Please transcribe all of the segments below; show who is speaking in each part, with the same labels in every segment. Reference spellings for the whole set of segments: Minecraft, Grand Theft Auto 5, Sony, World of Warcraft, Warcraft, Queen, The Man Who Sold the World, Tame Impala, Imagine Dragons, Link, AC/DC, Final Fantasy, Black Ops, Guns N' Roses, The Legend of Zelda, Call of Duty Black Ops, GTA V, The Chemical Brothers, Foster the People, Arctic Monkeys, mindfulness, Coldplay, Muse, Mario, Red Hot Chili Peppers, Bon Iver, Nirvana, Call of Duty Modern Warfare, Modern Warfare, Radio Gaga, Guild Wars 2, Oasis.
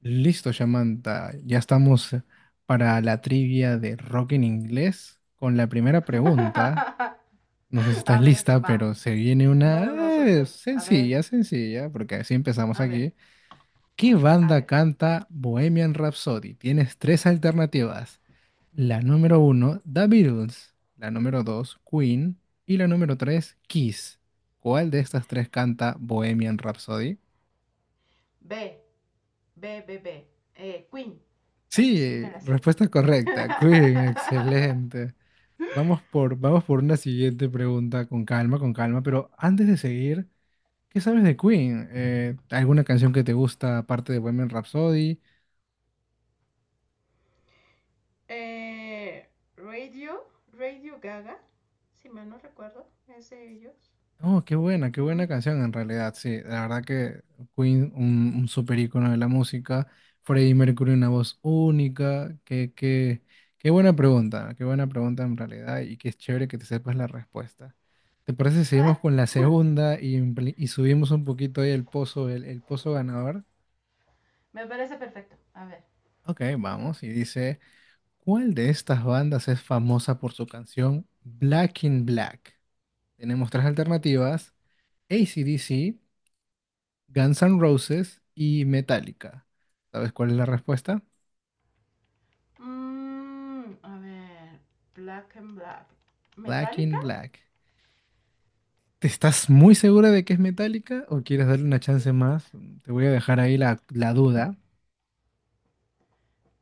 Speaker 1: Listo, Samantha. Ya estamos para la trivia de rock en inglés con la primera pregunta. No sé si
Speaker 2: A
Speaker 1: estás
Speaker 2: ver,
Speaker 1: lista,
Speaker 2: va.
Speaker 1: pero se viene una
Speaker 2: No, no, estoy. A ver,
Speaker 1: sencilla, sencilla, porque así empezamos
Speaker 2: a ver,
Speaker 1: aquí. ¿Qué
Speaker 2: a
Speaker 1: banda
Speaker 2: ver.
Speaker 1: canta Bohemian Rhapsody? Tienes tres alternativas. La número uno, The Beatles. La número dos, Queen. Y la número tres, Kiss. ¿Cuál de estas tres canta Bohemian Rhapsody?
Speaker 2: B, B, B, B. Queen. Esa sí me
Speaker 1: Sí,
Speaker 2: la sé.
Speaker 1: respuesta correcta. Queen, excelente. Vamos por una siguiente pregunta con calma, pero antes de seguir, ¿qué sabes de Queen? ¿Alguna canción que te gusta aparte de Women Rhapsody?
Speaker 2: eh, Radio, Radio Gaga. Si mal no recuerdo, es de ellos.
Speaker 1: Oh, qué
Speaker 2: Mm.
Speaker 1: buena canción en realidad, sí, la verdad que Queen, un súper ícono de la música, Freddie Mercury, una voz única, qué buena pregunta en realidad y qué chévere que te sepas la respuesta. ¿Te parece si seguimos con la segunda y subimos un poquito ahí el pozo, el pozo ganador?
Speaker 2: Me parece perfecto. A ver.
Speaker 1: Ok, vamos. Y dice, ¿cuál de estas bandas es famosa por su canción Black in Black? Tenemos tres alternativas, AC/DC, Guns N' Roses y Metallica. ¿Sabes cuál es la respuesta?
Speaker 2: A ver. Black and Black.
Speaker 1: Black
Speaker 2: ¿Metallica?
Speaker 1: in Black. ¿Te estás muy segura de que es Metallica o quieres darle una chance
Speaker 2: ¿Qué?
Speaker 1: más? Te voy a dejar ahí la duda.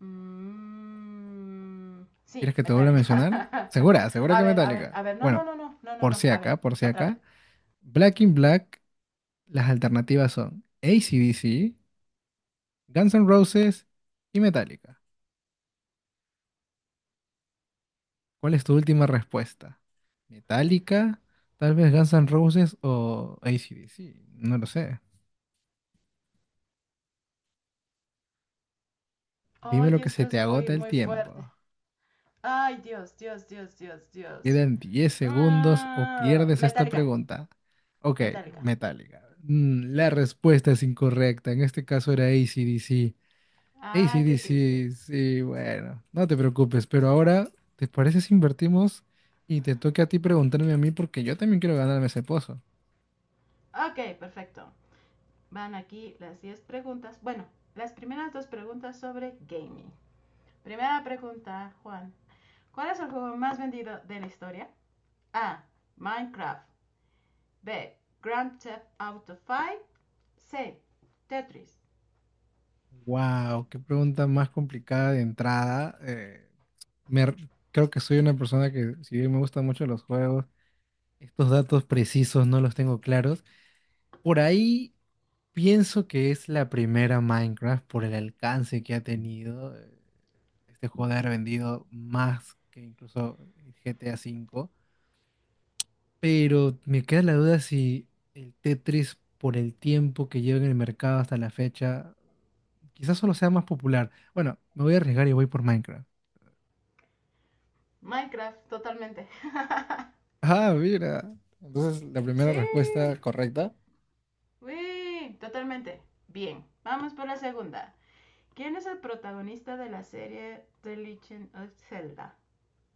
Speaker 2: Mm,
Speaker 1: ¿Quieres
Speaker 2: sí,
Speaker 1: que te vuelva a
Speaker 2: Metallica.
Speaker 1: mencionar? Segura, segura
Speaker 2: A
Speaker 1: que
Speaker 2: ver, a ver,
Speaker 1: Metallica.
Speaker 2: a ver. No, no,
Speaker 1: Bueno,
Speaker 2: no, no, no, no,
Speaker 1: por
Speaker 2: no.
Speaker 1: si
Speaker 2: A ver,
Speaker 1: acá, por si
Speaker 2: otra vez.
Speaker 1: acá. Black in Black, las alternativas son AC/DC, Guns N' Roses y Metallica. ¿Cuál es tu última respuesta? ¿Metallica? ¿Tal vez Guns N' Roses o AC/DC? No lo sé. Dime
Speaker 2: Ay,
Speaker 1: lo que
Speaker 2: esto
Speaker 1: se
Speaker 2: es
Speaker 1: te
Speaker 2: muy,
Speaker 1: agota el
Speaker 2: muy fuerte.
Speaker 1: tiempo.
Speaker 2: Ay, Dios, Dios, Dios, Dios,
Speaker 1: Te
Speaker 2: Dios.
Speaker 1: quedan 10 segundos o
Speaker 2: Ah,
Speaker 1: pierdes esta
Speaker 2: Metallica,
Speaker 1: pregunta. Ok,
Speaker 2: Metallica.
Speaker 1: Metallica. La respuesta es incorrecta. En este caso era AC/DC.
Speaker 2: Ay, qué triste.
Speaker 1: AC/DC, sí, bueno, no te preocupes, pero ahora, ¿te parece si invertimos y te toca a ti preguntarme a mí porque yo también quiero ganarme ese pozo?
Speaker 2: Ok, perfecto. Van aquí las 10 preguntas. Bueno, las primeras dos preguntas sobre gaming. Primera pregunta, Juan. ¿Cuál es el juego más vendido de la historia? A. Minecraft. B. Grand Theft Auto 5. C. Tetris.
Speaker 1: Wow, qué pregunta más complicada de entrada. Creo que soy una persona que, si bien me gustan mucho los juegos, estos datos precisos no los tengo claros. Por ahí pienso que es la primera Minecraft por el alcance que ha tenido. Este juego de haber vendido más que incluso el GTA V. Pero me queda la duda si el Tetris, por el tiempo que lleva en el mercado hasta la fecha, quizás solo sea más popular. Bueno, me voy a arriesgar y voy por Minecraft.
Speaker 2: Minecraft, totalmente.
Speaker 1: Ah, mira. Entonces, la primera
Speaker 2: Sí.
Speaker 1: respuesta correcta.
Speaker 2: Uy, totalmente. Bien, vamos por la segunda. ¿Quién es el protagonista de la serie The Legend of Zelda?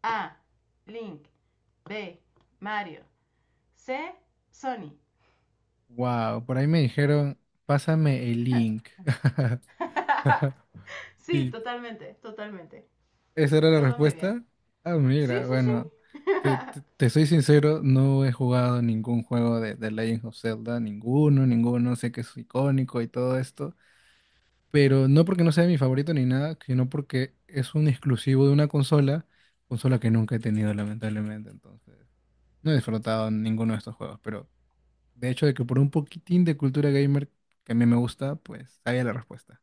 Speaker 2: A. Link. B. Mario. C. Sony.
Speaker 1: Wow, por ahí me dijeron, pásame el link.
Speaker 2: Sí,
Speaker 1: ¿Y
Speaker 2: totalmente, totalmente.
Speaker 1: esa era la
Speaker 2: Todo muy bien.
Speaker 1: respuesta? Ah,
Speaker 2: Sí,
Speaker 1: mira,
Speaker 2: sí,
Speaker 1: bueno,
Speaker 2: sí.
Speaker 1: te soy sincero, no he jugado ningún juego de Legend of Zelda, ninguno, ninguno, sé que es icónico y todo esto, pero no porque no sea mi favorito ni nada, sino porque es un exclusivo de una consola, consola que nunca he tenido lamentablemente, entonces no he disfrutado ninguno de estos juegos, pero de hecho de que por un poquitín de cultura gamer que a mí me gusta, pues sabía la respuesta.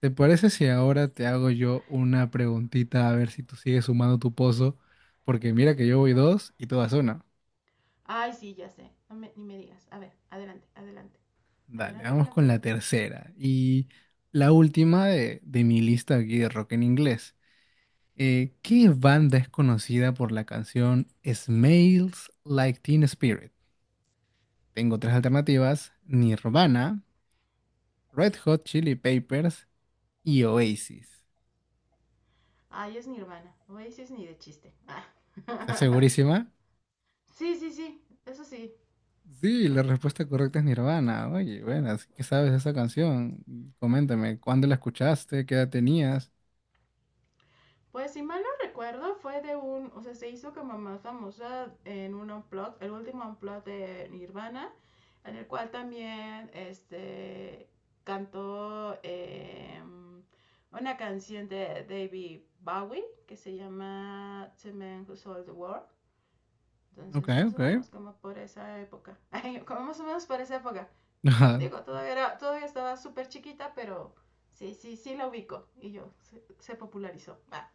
Speaker 1: ¿Te parece si ahora te hago yo una preguntita a ver si tú sigues sumando tu pozo? Porque mira que yo voy dos y tú vas una.
Speaker 2: Ay, sí, ya sé. Ni me digas. A ver, adelante, adelante.
Speaker 1: Dale,
Speaker 2: Adelante con
Speaker 1: vamos
Speaker 2: la
Speaker 1: con la
Speaker 2: pregunta.
Speaker 1: tercera y la última de mi lista aquí de rock en inglés. ¿Qué banda es conocida por la canción Smells Like Teen Spirit? Tengo tres alternativas: Nirvana, Red Hot Chili Peppers y Oasis.
Speaker 2: Ay, es mi hermana. Oye, sí es ni de chiste. Ah.
Speaker 1: ¿Estás segurísima?
Speaker 2: Sí, sí, sí. Eso sí.
Speaker 1: Sí, la respuesta correcta es Nirvana. Oye, bueno, así que sabes de esa canción. Coméntame, ¿cuándo la escuchaste? ¿Qué edad tenías?
Speaker 2: Pues si mal no recuerdo, fue de un, o sea, se hizo como más famosa en un unplug, el último unplug de Nirvana, en el cual también este cantó una canción de David Bowie que se llama The Man Who Sold the World.
Speaker 1: Ok,
Speaker 2: Entonces, más o
Speaker 1: ok.
Speaker 2: menos como por esa época. Ay, como más o menos por esa época. Digo, todavía, era, todavía estaba súper chiquita, pero sí, sí, sí la ubico. Y yo, se popularizó. Ah.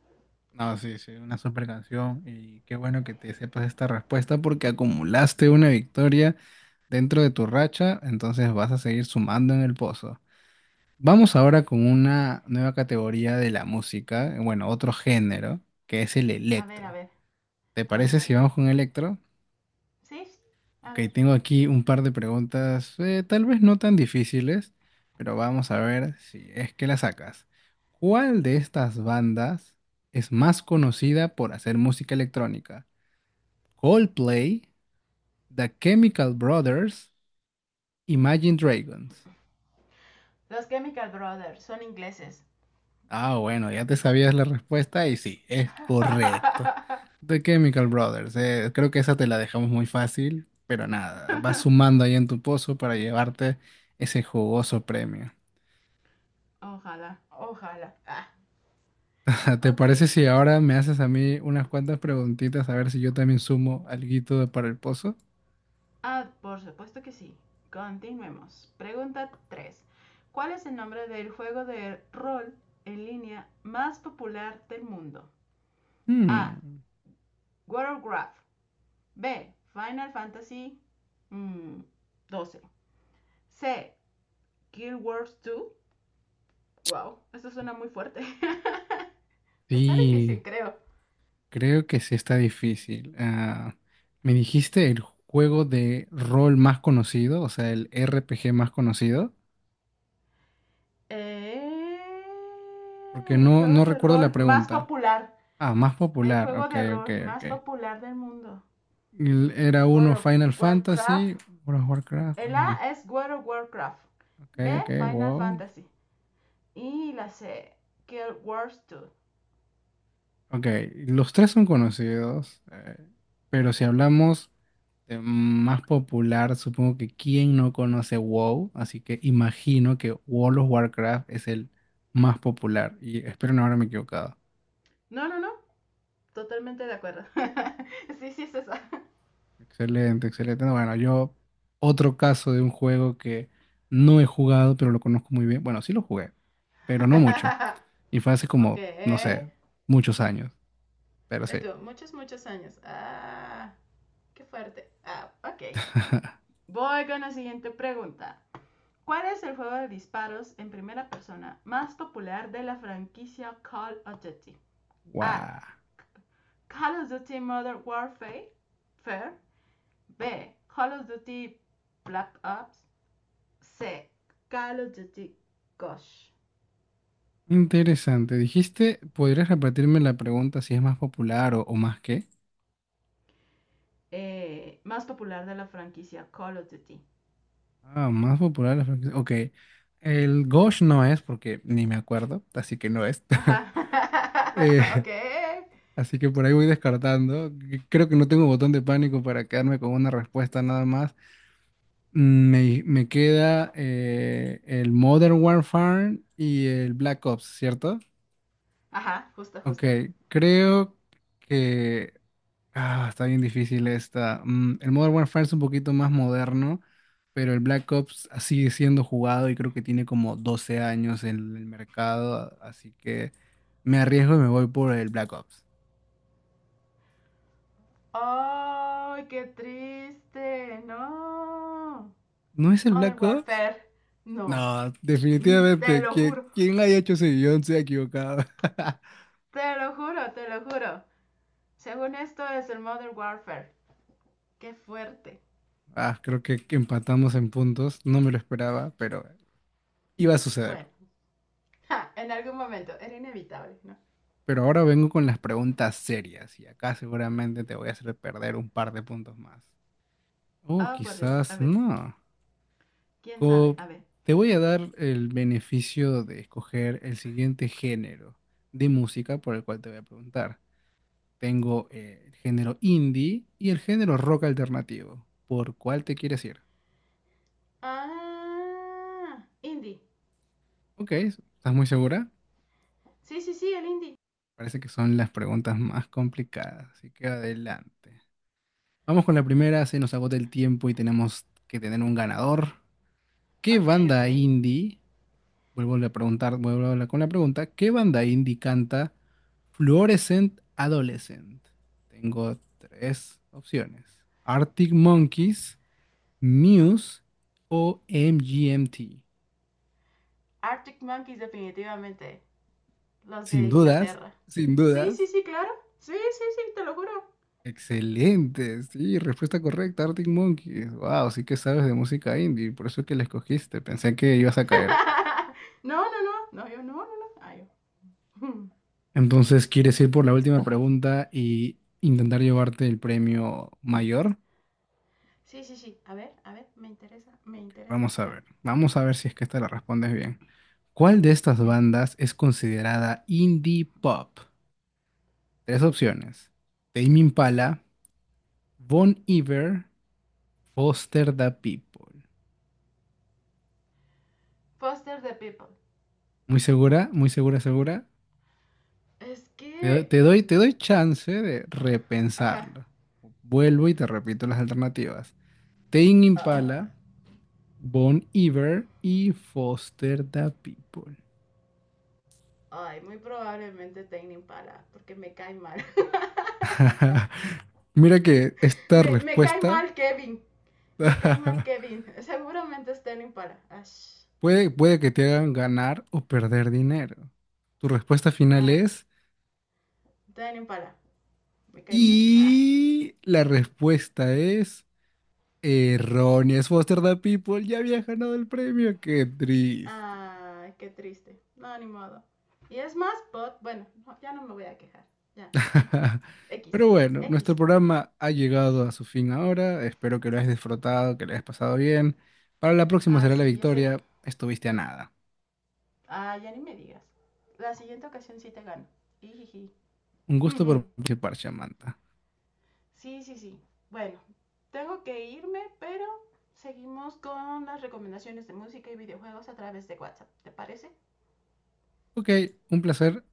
Speaker 1: No, sí, sí, una super canción y qué bueno que te sepas esta respuesta porque acumulaste una victoria dentro de tu racha, entonces vas a seguir sumando en el pozo. Vamos ahora con una nueva categoría de la música, bueno, otro género, que es el
Speaker 2: A ver, a
Speaker 1: electro.
Speaker 2: ver,
Speaker 1: ¿Te
Speaker 2: a ver,
Speaker 1: parece
Speaker 2: a
Speaker 1: si
Speaker 2: ver.
Speaker 1: vamos con electro?
Speaker 2: ¿Sí? A
Speaker 1: Ok,
Speaker 2: ver.
Speaker 1: tengo aquí un par de preguntas, tal vez no tan difíciles, pero vamos a ver si es que las sacas. ¿Cuál de estas bandas es más conocida por hacer música electrónica? Coldplay, The Chemical Brothers, Imagine Dragons.
Speaker 2: Los Chemical Brothers son ingleses.
Speaker 1: Ah, bueno, ya te sabías la respuesta y sí, es correcto. The Chemical Brothers, creo que esa te la dejamos muy fácil, pero nada, vas sumando ahí en tu pozo para llevarte ese jugoso premio.
Speaker 2: Ojalá, ojalá. Ah,
Speaker 1: ¿Te
Speaker 2: ok.
Speaker 1: parece si ahora me haces a mí unas cuantas preguntitas a ver si yo también sumo para el pozo?
Speaker 2: Ah, por supuesto que sí. Continuemos. Pregunta 3. ¿Cuál es el nombre del juego de rol en línea más popular del mundo? A.
Speaker 1: Hmm,
Speaker 2: Warcraft. B. Final Fantasy mm, 12. C. Guild Wars 2. Wow, esto suena muy fuerte. Está
Speaker 1: sí,
Speaker 2: difícil, creo.
Speaker 1: creo que sí está difícil. Ah, ¿me dijiste el juego de rol más conocido, o sea, el RPG más conocido?
Speaker 2: Eh,
Speaker 1: Porque no,
Speaker 2: juego
Speaker 1: no
Speaker 2: de
Speaker 1: recuerdo
Speaker 2: rol
Speaker 1: la
Speaker 2: más
Speaker 1: pregunta.
Speaker 2: popular.
Speaker 1: Ah, más
Speaker 2: El
Speaker 1: popular,
Speaker 2: juego
Speaker 1: ok,
Speaker 2: de
Speaker 1: ok,
Speaker 2: rol
Speaker 1: ok.
Speaker 2: más popular del mundo.
Speaker 1: Era
Speaker 2: World
Speaker 1: uno
Speaker 2: of
Speaker 1: Final
Speaker 2: Warcraft.
Speaker 1: Fantasy, uno Warcraft,
Speaker 2: El
Speaker 1: ah,
Speaker 2: A es World of Warcraft.
Speaker 1: ok,
Speaker 2: B.
Speaker 1: ok,
Speaker 2: Final
Speaker 1: wow.
Speaker 2: Fantasy. Y la C. Guild Wars 2.
Speaker 1: Ok, los tres son conocidos, pero si hablamos de más popular, supongo que quién no conoce WoW, así que imagino que World of Warcraft es el más popular y espero no haberme equivocado.
Speaker 2: No, no, no. Totalmente de acuerdo. Sí, sí es esa.
Speaker 1: Excelente, excelente. No, bueno, yo otro caso de un juego que no he jugado, pero lo conozco muy bien. Bueno, sí lo jugué, pero no mucho. Y fue hace
Speaker 2: Ok.
Speaker 1: como, no sé, muchos años, pero sí.
Speaker 2: Esto muchos, muchos años. Ah, qué fuerte. Ah, ok. Voy con la siguiente pregunta. ¿Cuál es el juego de disparos en primera persona más popular de la franquicia Call of Duty? A.
Speaker 1: Wow.
Speaker 2: Call of Duty Modern Warfare. Fair. B. Call of Duty Black Ops. C. Call of Duty Ghost.
Speaker 1: Interesante. Dijiste, ¿podrías repetirme la pregunta si es más popular o más qué?
Speaker 2: Más popular de la franquicia Call of Duty.
Speaker 1: Ah, más popular la franquicia. Ok. El Ghosh no es porque ni me acuerdo, así que no es.
Speaker 2: Ajá.
Speaker 1: Eh,
Speaker 2: Ok.
Speaker 1: así que por ahí voy descartando. Creo que no tengo botón de pánico para quedarme con una respuesta nada más. Me queda el Modern Warfare y el Black Ops, ¿cierto?
Speaker 2: Ajá, justo,
Speaker 1: Ok,
Speaker 2: justo.
Speaker 1: creo que... Ah, está bien difícil esta. El Modern Warfare es un poquito más moderno, pero el Black Ops sigue siendo jugado y creo que tiene como 12 años en el mercado, así que me arriesgo y me voy por el Black Ops.
Speaker 2: ¡Ay, qué triste! No.
Speaker 1: ¿No es el
Speaker 2: Modern
Speaker 1: Black Ops?
Speaker 2: Warfare. No.
Speaker 1: No,
Speaker 2: Te
Speaker 1: definitivamente.
Speaker 2: lo juro.
Speaker 1: Quien haya hecho ese guión se ha equivocado.
Speaker 2: Te lo juro, te lo juro. Según esto es el Modern Warfare. Qué fuerte.
Speaker 1: Ah, creo que empatamos en puntos. No me lo esperaba, pero iba a suceder.
Speaker 2: Bueno. Ja, en algún momento. Era inevitable, ¿no?
Speaker 1: Pero ahora vengo con las preguntas serias y acá seguramente te voy a hacer perder un par de puntos más. Oh,
Speaker 2: Oh, por Dios. A
Speaker 1: quizás
Speaker 2: ver.
Speaker 1: no.
Speaker 2: ¿Quién sabe?
Speaker 1: Co-
Speaker 2: A ver.
Speaker 1: te voy a dar el beneficio de escoger el siguiente género de música por el cual te voy a preguntar. Tengo el género indie y el género rock alternativo. ¿Por cuál te quieres ir?
Speaker 2: Ah. Indie.
Speaker 1: Ok, ¿estás muy segura?
Speaker 2: Sí, sí, sí, el indie.
Speaker 1: Parece que son las preguntas más complicadas, así que adelante. Vamos con la primera, se nos agota el tiempo y tenemos que tener un ganador. ¿Qué
Speaker 2: Ok,
Speaker 1: banda
Speaker 2: ok.
Speaker 1: indie... Vuelvo a preguntar, vuelvo a hablar con la pregunta, ¿qué banda indie canta Fluorescent Adolescent? Tengo tres opciones. Arctic Monkeys, Muse o MGMT.
Speaker 2: Arctic Monkeys definitivamente. Los de
Speaker 1: Sin dudas,
Speaker 2: Inglaterra.
Speaker 1: sin
Speaker 2: Sí, sí,
Speaker 1: dudas.
Speaker 2: sí, claro. Sí, sí, sí, te lo juro.
Speaker 1: Excelente, sí, respuesta correcta, Arctic Monkeys. Wow, sí que sabes de música indie, por eso es que la escogiste, pensé que ibas a caer.
Speaker 2: No, no, no, no, yo no, no, no, ah, yo.
Speaker 1: Entonces, ¿quieres ir por la última pregunta y intentar llevarte el premio mayor?
Speaker 2: Sí, sí, sí, a ver, me interesa, me interesa. Ah.
Speaker 1: Vamos a ver si es que esta la respondes bien. ¿Cuál de estas bandas es considerada indie pop? Tres opciones. Tame Impala, Bon Iver, Foster the People.
Speaker 2: Foster the people.
Speaker 1: ¿Muy segura? ¿Muy segura, segura?
Speaker 2: Es que,
Speaker 1: Te doy chance de
Speaker 2: ajá,
Speaker 1: repensarlo. Vuelvo y te repito las alternativas. Tame
Speaker 2: ah,
Speaker 1: Impala, Bon Iver y Foster the People.
Speaker 2: ay, muy probablemente Tame Impala, porque me cae mal.
Speaker 1: Mira que esta
Speaker 2: Me cae mal
Speaker 1: respuesta...
Speaker 2: Kevin, me cae mal Kevin, seguramente es Tame Impala. Ash.
Speaker 1: Puede, puede que te hagan ganar o perder dinero. Tu respuesta final
Speaker 2: Ah,
Speaker 1: es...
Speaker 2: Tame Impala, me cae mal. Ah.
Speaker 1: Y la respuesta es... Errónea. Es Foster the People. Ya había ganado el premio. Qué triste.
Speaker 2: Ah, qué triste. No, ni modo. Y es más, but, bueno, no, ya no me voy a quejar. Ya, no importa. X,
Speaker 1: Pero bueno, nuestro
Speaker 2: X.
Speaker 1: programa ha llegado a su fin ahora. Espero que lo hayas disfrutado, que lo hayas pasado bien. Para la próxima
Speaker 2: Ay,
Speaker 1: será la
Speaker 2: sí, ya sé.
Speaker 1: victoria. Estuviste a nada.
Speaker 2: Ay, ya ni me digas. La siguiente ocasión sí te gano. Ijiji.
Speaker 1: Un gusto por participar, Samantha.
Speaker 2: Sí, sí, sí. Bueno, tengo que irme, pero seguimos con las recomendaciones de música y videojuegos a través de WhatsApp. ¿Te parece?
Speaker 1: Ok, un placer.